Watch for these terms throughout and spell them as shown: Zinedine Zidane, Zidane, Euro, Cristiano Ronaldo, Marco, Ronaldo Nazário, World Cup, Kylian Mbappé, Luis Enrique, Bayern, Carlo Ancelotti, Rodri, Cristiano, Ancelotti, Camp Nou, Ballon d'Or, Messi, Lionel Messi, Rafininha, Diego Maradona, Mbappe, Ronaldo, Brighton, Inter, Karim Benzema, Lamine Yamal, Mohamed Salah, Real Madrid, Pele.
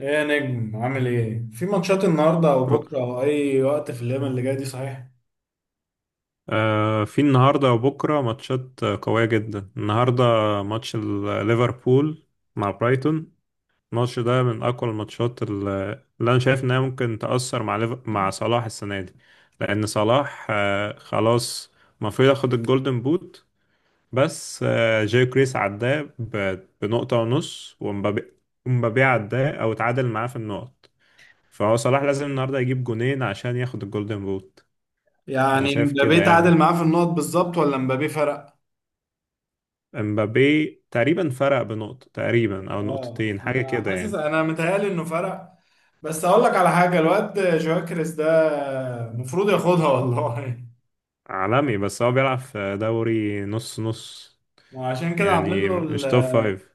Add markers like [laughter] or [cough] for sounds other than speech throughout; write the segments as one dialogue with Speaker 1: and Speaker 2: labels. Speaker 1: ايه يا نجم، عامل ايه؟ في ماتشات النهارده او بكره او اي وقت في الايام اللي جايه دي، صحيح؟
Speaker 2: في النهارده وبكره ماتشات، قويه جدا النهارده. ماتش ليفربول مع برايتون. الماتش ده من اقوى الماتشات اللي انا شايف انها ممكن تاثر مع مع صلاح السنه دي. لان صلاح خلاص، المفروض ياخد الجولدن بوت. بس جاي كريس عداه بنقطه ونص ومبابي عداه او اتعادل معاه في النقط. فهو صلاح لازم النهارده يجيب جونين عشان ياخد الجولدن بوت. انا
Speaker 1: يعني
Speaker 2: شايف كده
Speaker 1: مبابي تعادل
Speaker 2: يعني.
Speaker 1: معاه في النقط بالظبط، ولا مبابي فرق؟
Speaker 2: امبابي تقريبا فرق بنقطة تقريبا او
Speaker 1: اه،
Speaker 2: نقطتين، حاجة
Speaker 1: انا
Speaker 2: كده
Speaker 1: حاسس،
Speaker 2: يعني.
Speaker 1: انا متهيألي انه فرق. بس اقول لك على حاجه، الواد كريس ده المفروض ياخدها، والله. [laughs]
Speaker 2: عالمي، بس هو بيلعب في دوري نص نص.
Speaker 1: وعشان كده عاملين
Speaker 2: يعني
Speaker 1: له ال
Speaker 2: مش توب فايف.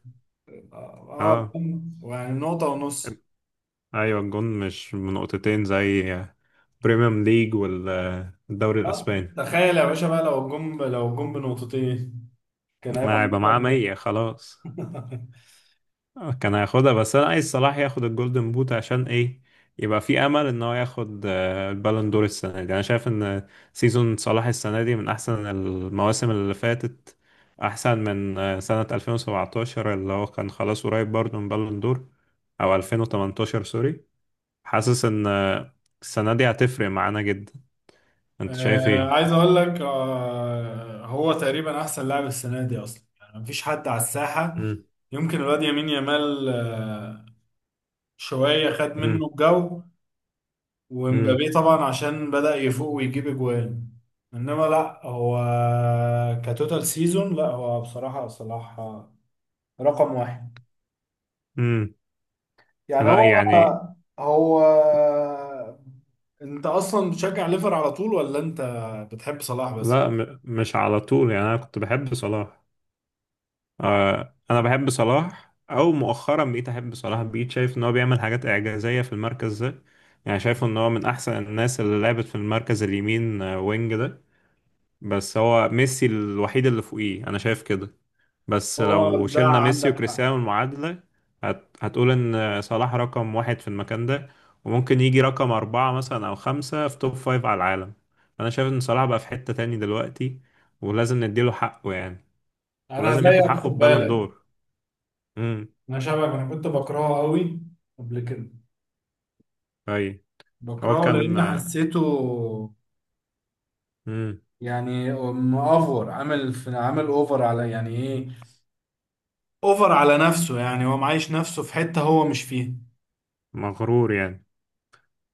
Speaker 1: اه آه،
Speaker 2: اه.
Speaker 1: جون، يعني نقطه ونص.
Speaker 2: ايوه الجون مش بنقطتين زي بريميوم ليج والدوري
Speaker 1: اه،
Speaker 2: الاسباني.
Speaker 1: تخيل يا باشا بقى، لو الجون بنقطتين، كان هيبقى
Speaker 2: ما
Speaker 1: من
Speaker 2: هيبقى معاه 100 خلاص.
Speaker 1: نقطة. [laughs]
Speaker 2: كان هياخدها، بس انا عايز صلاح ياخد الجولدن بوت عشان ايه. يبقى في امل ان هو ياخد البالون دور السنه دي. انا شايف ان سيزون صلاح السنه دي من احسن المواسم اللي فاتت. احسن من سنه 2017 اللي هو كان خلاص قريب برضه من بالون دور. او 2018، سوري. حاسس ان السنه دي هتفرق معانا جدا. انت شايف ايه؟
Speaker 1: عايز اقول لك، هو تقريبا احسن لاعب السنه دي اصلا، يعني مفيش حد على الساحه.
Speaker 2: مم.
Speaker 1: يمكن الواد يمين يامال شويه خد منه
Speaker 2: مم.
Speaker 1: الجو.
Speaker 2: مم.
Speaker 1: ومبابي طبعا عشان بدأ يفوق ويجيب اجوان، انما لا، هو كتوتال سيزون، لا هو بصراحه صلاح رقم واحد.
Speaker 2: مم.
Speaker 1: يعني
Speaker 2: لا
Speaker 1: هو
Speaker 2: يعني.
Speaker 1: هو انت اصلا بتشجع ليفر على طول، ولا انت بتحب صلاح بس؟
Speaker 2: لا، مش على طول يعني. انا كنت بحب صلاح. انا بحب صلاح، او مؤخرا بقيت احب صلاح، بقيت شايف ان هو بيعمل حاجات اعجازيه في المركز ده. يعني شايف ان هو من احسن الناس اللي لعبت في المركز اليمين وينج ده. بس هو ميسي الوحيد اللي فوقيه، انا شايف كده. بس
Speaker 1: هو
Speaker 2: لو
Speaker 1: ده
Speaker 2: شلنا ميسي
Speaker 1: عندك حق.
Speaker 2: وكريستيانو المعادله، هتقول ان صلاح رقم واحد في المكان ده. وممكن يجي رقم اربعه مثلا او خمسه في توب فايف على العالم. انا شايف ان صلاح بقى في حته تاني دلوقتي. ولازم نديله حقه يعني.
Speaker 1: انا
Speaker 2: ولازم ياخد
Speaker 1: زيك،
Speaker 2: حقه
Speaker 1: خد
Speaker 2: ببالون
Speaker 1: بالك.
Speaker 2: دور.
Speaker 1: انا شبهك، انا كنت بكرهه قوي قبل كده.
Speaker 2: اي. هو
Speaker 1: بكرهه
Speaker 2: كان
Speaker 1: لان حسيته
Speaker 2: مم.
Speaker 1: يعني مأفور، عامل اوفر على، يعني ايه، اوفر على نفسه. يعني هو معايش نفسه في حتة هو مش فيها.
Speaker 2: مغرور يعني.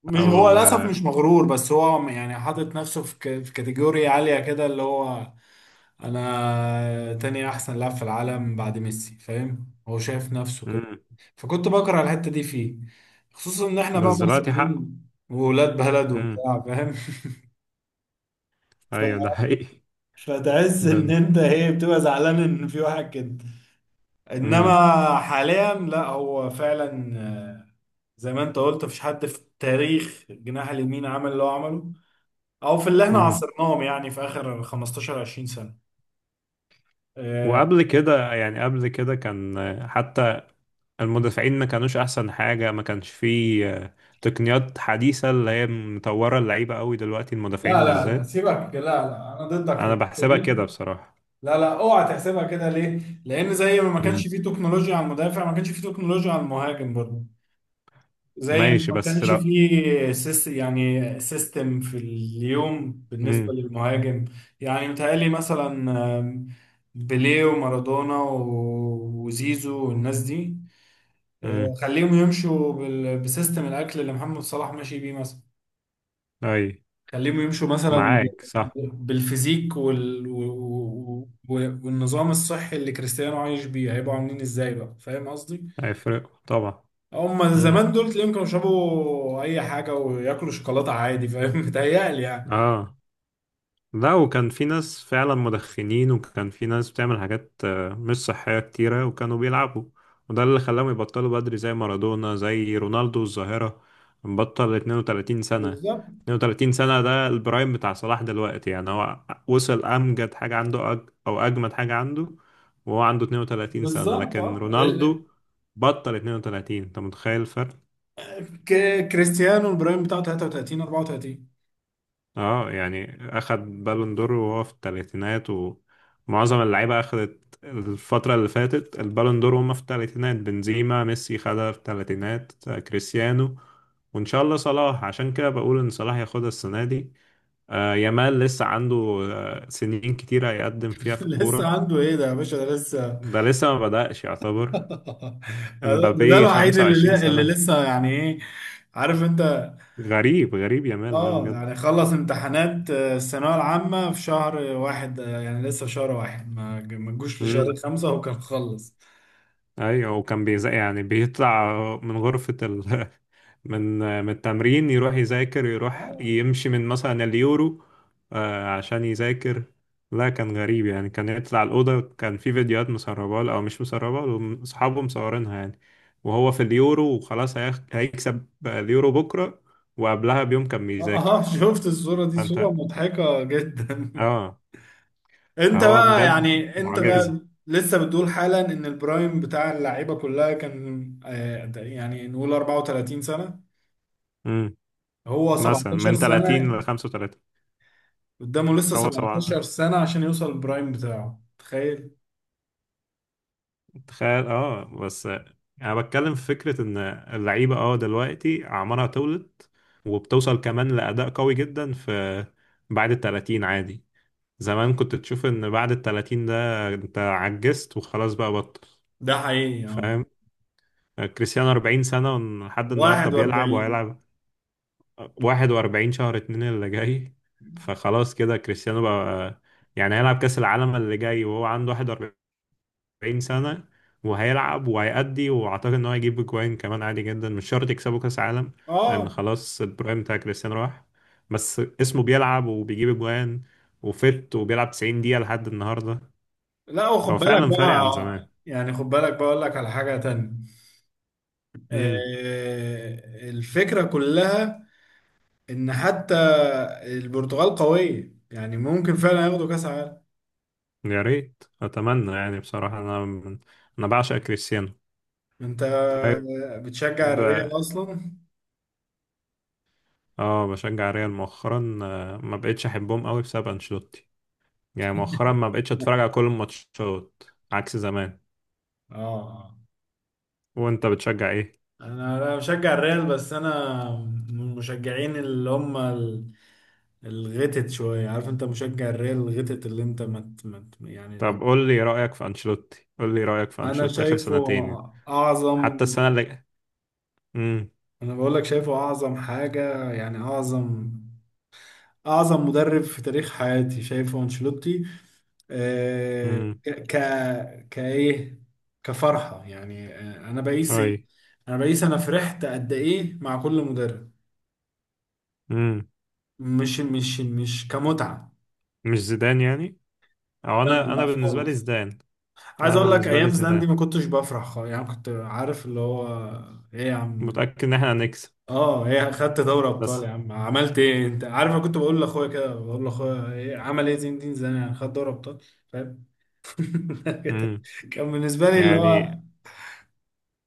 Speaker 1: مش، هو
Speaker 2: او
Speaker 1: للاسف مش مغرور، بس هو يعني حاطط نفسه في في كاتيجوري عالية كده، اللي هو انا تاني احسن لاعب في العالم بعد ميسي، فاهم؟ هو شايف نفسه كده،
Speaker 2: مم.
Speaker 1: فكنت بكره الحته دي فيه، خصوصا ان احنا بقى
Speaker 2: بس دلوقتي حقه.
Speaker 1: مصريين وولاد بلد
Speaker 2: مم.
Speaker 1: وبتاع، فاهم؟ [laughs] ف...
Speaker 2: ايوه ده حقيقي. [laughs]
Speaker 1: فتحس ان
Speaker 2: بن.
Speaker 1: انت ايه، بتبقى زعلان ان في واحد كده.
Speaker 2: مم.
Speaker 1: انما حاليا لا، هو فعلا، زي ما انت قلت مفيش حد في تاريخ الجناح اليمين عمل اللي هو عمله، او في اللي احنا
Speaker 2: مم.
Speaker 1: عاصرناهم يعني في اخر 15 20 سنه. آه،
Speaker 2: وقبل كده، يعني قبل كده كان حتى المدافعين ما كانوش احسن حاجة. ما كانش فيه تقنيات حديثة اللي هي مطورة اللعيبة قوي دلوقتي،
Speaker 1: لا
Speaker 2: المدافعين
Speaker 1: لا لا،
Speaker 2: بالذات.
Speaker 1: سيبك، لا لا، انا ضدك في
Speaker 2: انا
Speaker 1: الحته
Speaker 2: بحسبها
Speaker 1: دي.
Speaker 2: كده بصراحة.
Speaker 1: لا لا، اوعى تحسبها كده، ليه؟ لان زي ما كانش
Speaker 2: مم.
Speaker 1: فيه تكنولوجيا على المدافع، ما كانش فيه تكنولوجيا على المهاجم برضه. زي ما
Speaker 2: ماشي،
Speaker 1: ما
Speaker 2: بس
Speaker 1: كانش
Speaker 2: لو.
Speaker 1: فيه سيستم في اليوم بالنسبه
Speaker 2: مم.
Speaker 1: للمهاجم. يعني متهيألي مثلا، آم، بيليه ومارادونا وزيزو والناس دي،
Speaker 2: مم.
Speaker 1: خليهم يمشوا بسيستم الاكل اللي محمد صلاح ماشي بيه مثلا.
Speaker 2: اي.
Speaker 1: خليهم يمشوا مثلا
Speaker 2: معاك صح.
Speaker 1: بالفيزيك والنظام الصحي اللي كريستيانو عايش بيه، هيبقوا عاملين ازاي بقى؟ فاهم قصدي؟
Speaker 2: هيفرق طبعا.
Speaker 1: هم
Speaker 2: مم.
Speaker 1: زمان دول تلاقيهم كانوا يشربوا اي حاجه وياكلوا شوكولاته عادي، فاهم؟ [laughs] متهيألي يعني.
Speaker 2: اه. لا، وكان في ناس فعلا مدخنين، وكان في ناس بتعمل حاجات مش صحية كتيرة وكانوا بيلعبوا. وده اللي خلاهم يبطلوا بدري، زي مارادونا، زي رونالدو الظاهرة. بطل 32 سنة.
Speaker 1: بالظبط،
Speaker 2: 32 سنة ده البرايم بتاع صلاح دلوقتي يعني هو. وصل أمجد حاجة عنده، أو أجمد حاجة عنده. وهو عنده 32 سنة،
Speaker 1: بالظبط.
Speaker 2: لكن رونالدو بطل 32. أنت متخيل الفرق؟
Speaker 1: كريستيانو البرايم بتاعه 33 34.
Speaker 2: اه. يعني اخد بالون دور وهو في الثلاثينات، ومعظم اللعيبه اخدت الفتره اللي فاتت البالون دور وهم في الثلاثينات. بنزيما، ميسي خدها في الثلاثينات، كريستيانو. وان شاء الله صلاح، عشان كده بقول ان صلاح ياخدها السنه دي. يامال لسه عنده سنين كتيره يقدم فيها
Speaker 1: [laughs]
Speaker 2: في
Speaker 1: لسه
Speaker 2: الكوره.
Speaker 1: عنده ايه ده يا باشا؟ ده لسه. [laughs]
Speaker 2: ده لسه ما بدأش يعتبر.
Speaker 1: ده
Speaker 2: امبابي
Speaker 1: الوحيد
Speaker 2: 25
Speaker 1: اللي
Speaker 2: سنه.
Speaker 1: لسه، يعني ايه، عارف انت.
Speaker 2: غريب غريب يامال، ده
Speaker 1: اه، يعني
Speaker 2: بجد.
Speaker 1: خلص امتحانات، الثانوية العامة في شهر واحد. يعني لسه في شهر واحد، ما جوش
Speaker 2: امم.
Speaker 1: لشهر خمسة هو كان خلص.
Speaker 2: ايوه، وكان يعني بيطلع من غرفة ال. [laughs] من من التمرين يروح يذاكر، يروح
Speaker 1: اه،
Speaker 2: يمشي من مثلا اليورو عشان يذاكر. لا كان غريب يعني، كان يطلع الأوضة، كان في فيديوهات مسربة له، أو مش مسربة له، أصحابه مصورينها يعني. وهو في اليورو وخلاص هيكسب اليورو بكرة، وقبلها بيوم كان بيذاكر.
Speaker 1: [laughs] شفت الصورة دي؟ صورة
Speaker 2: فأنت.
Speaker 1: مضحكة جدا. [laughs]
Speaker 2: اه.
Speaker 1: انت
Speaker 2: فهو
Speaker 1: بقى،
Speaker 2: بجد
Speaker 1: يعني انت
Speaker 2: معجزة.
Speaker 1: بقى لسه بتقول حالا ان البرايم بتاع اللعيبة كلها كان، يعني نقول 34 سنة.
Speaker 2: مم.
Speaker 1: هو
Speaker 2: مثلا
Speaker 1: 17
Speaker 2: من 30
Speaker 1: سنة
Speaker 2: ل 35.
Speaker 1: قدامه، لسه
Speaker 2: هو
Speaker 1: 17
Speaker 2: سبعة.
Speaker 1: سنة عشان يوصل البرايم بتاعه. تخيل.
Speaker 2: تخيل. اه بس انا بتكلم في فكره ان اللعيبه اه دلوقتي اعمارها تولد وبتوصل كمان لاداء قوي جدا في بعد ال 30 عادي. زمان كنت تشوف ان بعد ال 30 ده انت عجزت وخلاص بقى بطل.
Speaker 1: ده حقيقي، اه.
Speaker 2: فاهم. كريستيانو 40 سنه لحد النهارده بيلعب
Speaker 1: 41.
Speaker 2: وهيلعب. 41 شهر اتنين اللي جاي، فخلاص كده كريستيانو بقى. يعني هيلعب كاس العالم اللي جاي وهو عنده 41، 40 سنة. وهيلعب وهيأدي، وأعتقد إن هو هيجيب أجوان كمان عادي جدا، مش شرط يكسبوا كأس عالم. لأن
Speaker 1: اه،
Speaker 2: خلاص البرايم بتاع كريستيانو راح. بس اسمه بيلعب وبيجيب أجوان، وفت وبيلعب 90 دقيقة لحد النهاردة.
Speaker 1: لا وخد
Speaker 2: فهو
Speaker 1: بالك
Speaker 2: فعلا فارق عن
Speaker 1: بقى،
Speaker 2: زمان.
Speaker 1: يعني خد بالك بقى، اقول لك على حاجة تانية.
Speaker 2: امم.
Speaker 1: الفكرة كلها ان حتى البرتغال قوية، يعني ممكن فعلا ياخدوا كاس عالم.
Speaker 2: يا ريت، أتمنى يعني بصراحة. أنا بعشق كريستيانو.
Speaker 1: انت
Speaker 2: طيب.
Speaker 1: بتشجع الريال اصلا.
Speaker 2: اه بشجع ريال مؤخرا، ما بقتش أحبهم قوي بسبب أنشيلوتي. يعني مؤخرا ما بقتش أتفرج على كل الماتشات عكس زمان.
Speaker 1: اه،
Speaker 2: وأنت بتشجع إيه؟
Speaker 1: انا بشجع الريال، بس انا من المشجعين اللي هم الغتت شويه، عارف انت؟ مشجع الريال الغتت، اللي انت مت يعني لو.
Speaker 2: طب قول لي رأيك في أنشيلوتي، قول لي رأيك في
Speaker 1: انا
Speaker 2: أنشيلوتي آخر
Speaker 1: شايفه
Speaker 2: سنتين يعني.
Speaker 1: اعظم.
Speaker 2: حتى السنة اللي. امم.
Speaker 1: انا بقول لك شايفه اعظم حاجه، يعني اعظم، اعظم مدرب في تاريخ حياتي شايفه انشيلوتي. آه،
Speaker 2: امم.
Speaker 1: ك كايه، كفرحه يعني. انا بقيس
Speaker 2: اي.
Speaker 1: إيه؟ انا بقيس انا فرحت قد ايه مع كل مدرب.
Speaker 2: امم.
Speaker 1: مش كمتعه.
Speaker 2: مش زيدان يعني. او
Speaker 1: لا
Speaker 2: انا
Speaker 1: لا،
Speaker 2: بالنسبة لي
Speaker 1: خالص.
Speaker 2: زيدان.
Speaker 1: عايز
Speaker 2: انا
Speaker 1: اقول لك
Speaker 2: بالنسبة لي
Speaker 1: ايام زلاندي
Speaker 2: زيدان،
Speaker 1: ما كنتش بفرح خالص، يعني كنت عارف اللي هو ايه يا عم.
Speaker 2: متأكد ان احنا هنكسب
Speaker 1: اه، هي خدت دوري ابطال،
Speaker 2: بس.
Speaker 1: يا عم عملت ايه؟ انت عارف، انا كنت بقول لاخويا كده، بقول لاخويا إيه عمل ايه زين الدين زيدان؟ يعني خد دوري ابطال، فاهم؟ [laughs]
Speaker 2: امم.
Speaker 1: كان بالنسبه لي اللي هو،
Speaker 2: يعني.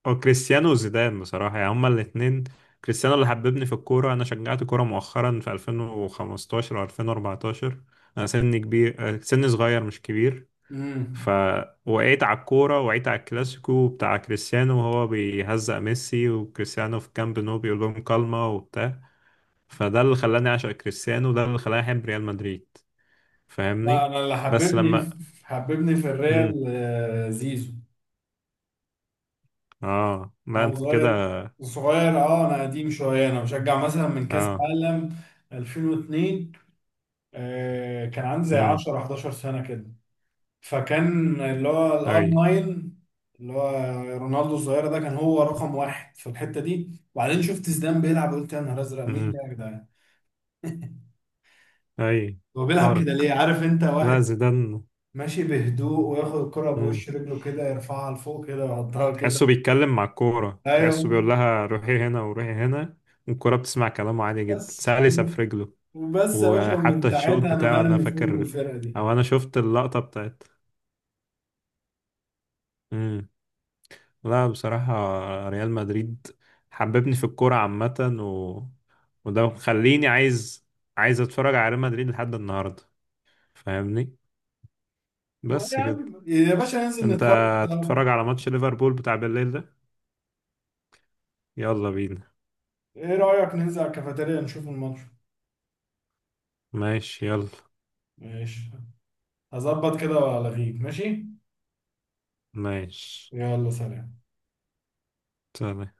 Speaker 2: او كريستيانو وزيدان بصراحة، يعني هما الاتنين. كريستيانو اللي حببني في الكورة. انا شجعت كورة مؤخرا في 2015 او 2014. انا سني كبير، سني صغير مش كبير.
Speaker 1: امم
Speaker 2: فوقعت على الكورة، وقعت على الكلاسيكو بتاع كريستيانو وهو بيهزق ميسي، وكريستيانو في كامب نو بيقول لهم كلمة وبتاع. فده اللي خلاني أعشق كريستيانو، وده اللي خلاني أحب ريال مدريد.
Speaker 1: لا،
Speaker 2: فاهمني.
Speaker 1: انا اللي
Speaker 2: بس لما.
Speaker 1: حببني في
Speaker 2: مم.
Speaker 1: الريال، زيزو.
Speaker 2: اه لا
Speaker 1: انا
Speaker 2: انت كده.
Speaker 1: صغير، صغير. اه، انا قديم شويه، انا بشجع مثلا من كاس
Speaker 2: اه.
Speaker 1: عالم 2002. كان عندي زي
Speaker 2: امم.
Speaker 1: 10 11 سنه كده. فكان اللي هو الار
Speaker 2: اي.
Speaker 1: 9، اللي هو رونالدو الظاهرة ده، كان هو رقم واحد في الحتة دي. وبعدين شفت زيدان بيلعب، قلت يا نهار ازرق، مين ده
Speaker 2: امم.
Speaker 1: يا جدعان؟
Speaker 2: اي.
Speaker 1: هو بيلعب
Speaker 2: فارق.
Speaker 1: كده ليه؟ عارف انت،
Speaker 2: لا
Speaker 1: واحد
Speaker 2: زيدان.
Speaker 1: ماشي بهدوء وياخد الكرة
Speaker 2: امم.
Speaker 1: بوش رجله كده، يرفعها لفوق كده، يحطها كده.
Speaker 2: تحسه بيتكلم مع الكورة، تحسه
Speaker 1: ايوه.
Speaker 2: بيقول لها روحي هنا وروحي هنا. والكورة بتسمع كلامه عادي جدا،
Speaker 1: بس
Speaker 2: سهل يسفرجله.
Speaker 1: وبس يا باشا، من
Speaker 2: وحتى الشوط
Speaker 1: ساعتها انا
Speaker 2: بتاعه انا
Speaker 1: مرمي فوق من
Speaker 2: فاكر.
Speaker 1: الفرقة دي.
Speaker 2: او انا شفت اللقطة بتاعت. مم. لا بصراحة، ريال مدريد حببني في الكورة عامة. و... وده مخليني عايز اتفرج على ريال مدريد لحد النهاردة. فاهمني.
Speaker 1: بقول يا
Speaker 2: بس كده.
Speaker 1: عم يا باشا، ننزل
Speaker 2: انت
Speaker 1: نتفرج سوا.
Speaker 2: هتتفرج على ماتش ليفربول بتاع بالليل ده؟ يلا بينا.
Speaker 1: ايه رأيك ننزل على الكافيتيريا نشوف الماتش؟
Speaker 2: ماشي يلا.
Speaker 1: ماشي. هظبط كده والغيك. ماشي.
Speaker 2: ماشي.
Speaker 1: يلا، سلام.
Speaker 2: سلام.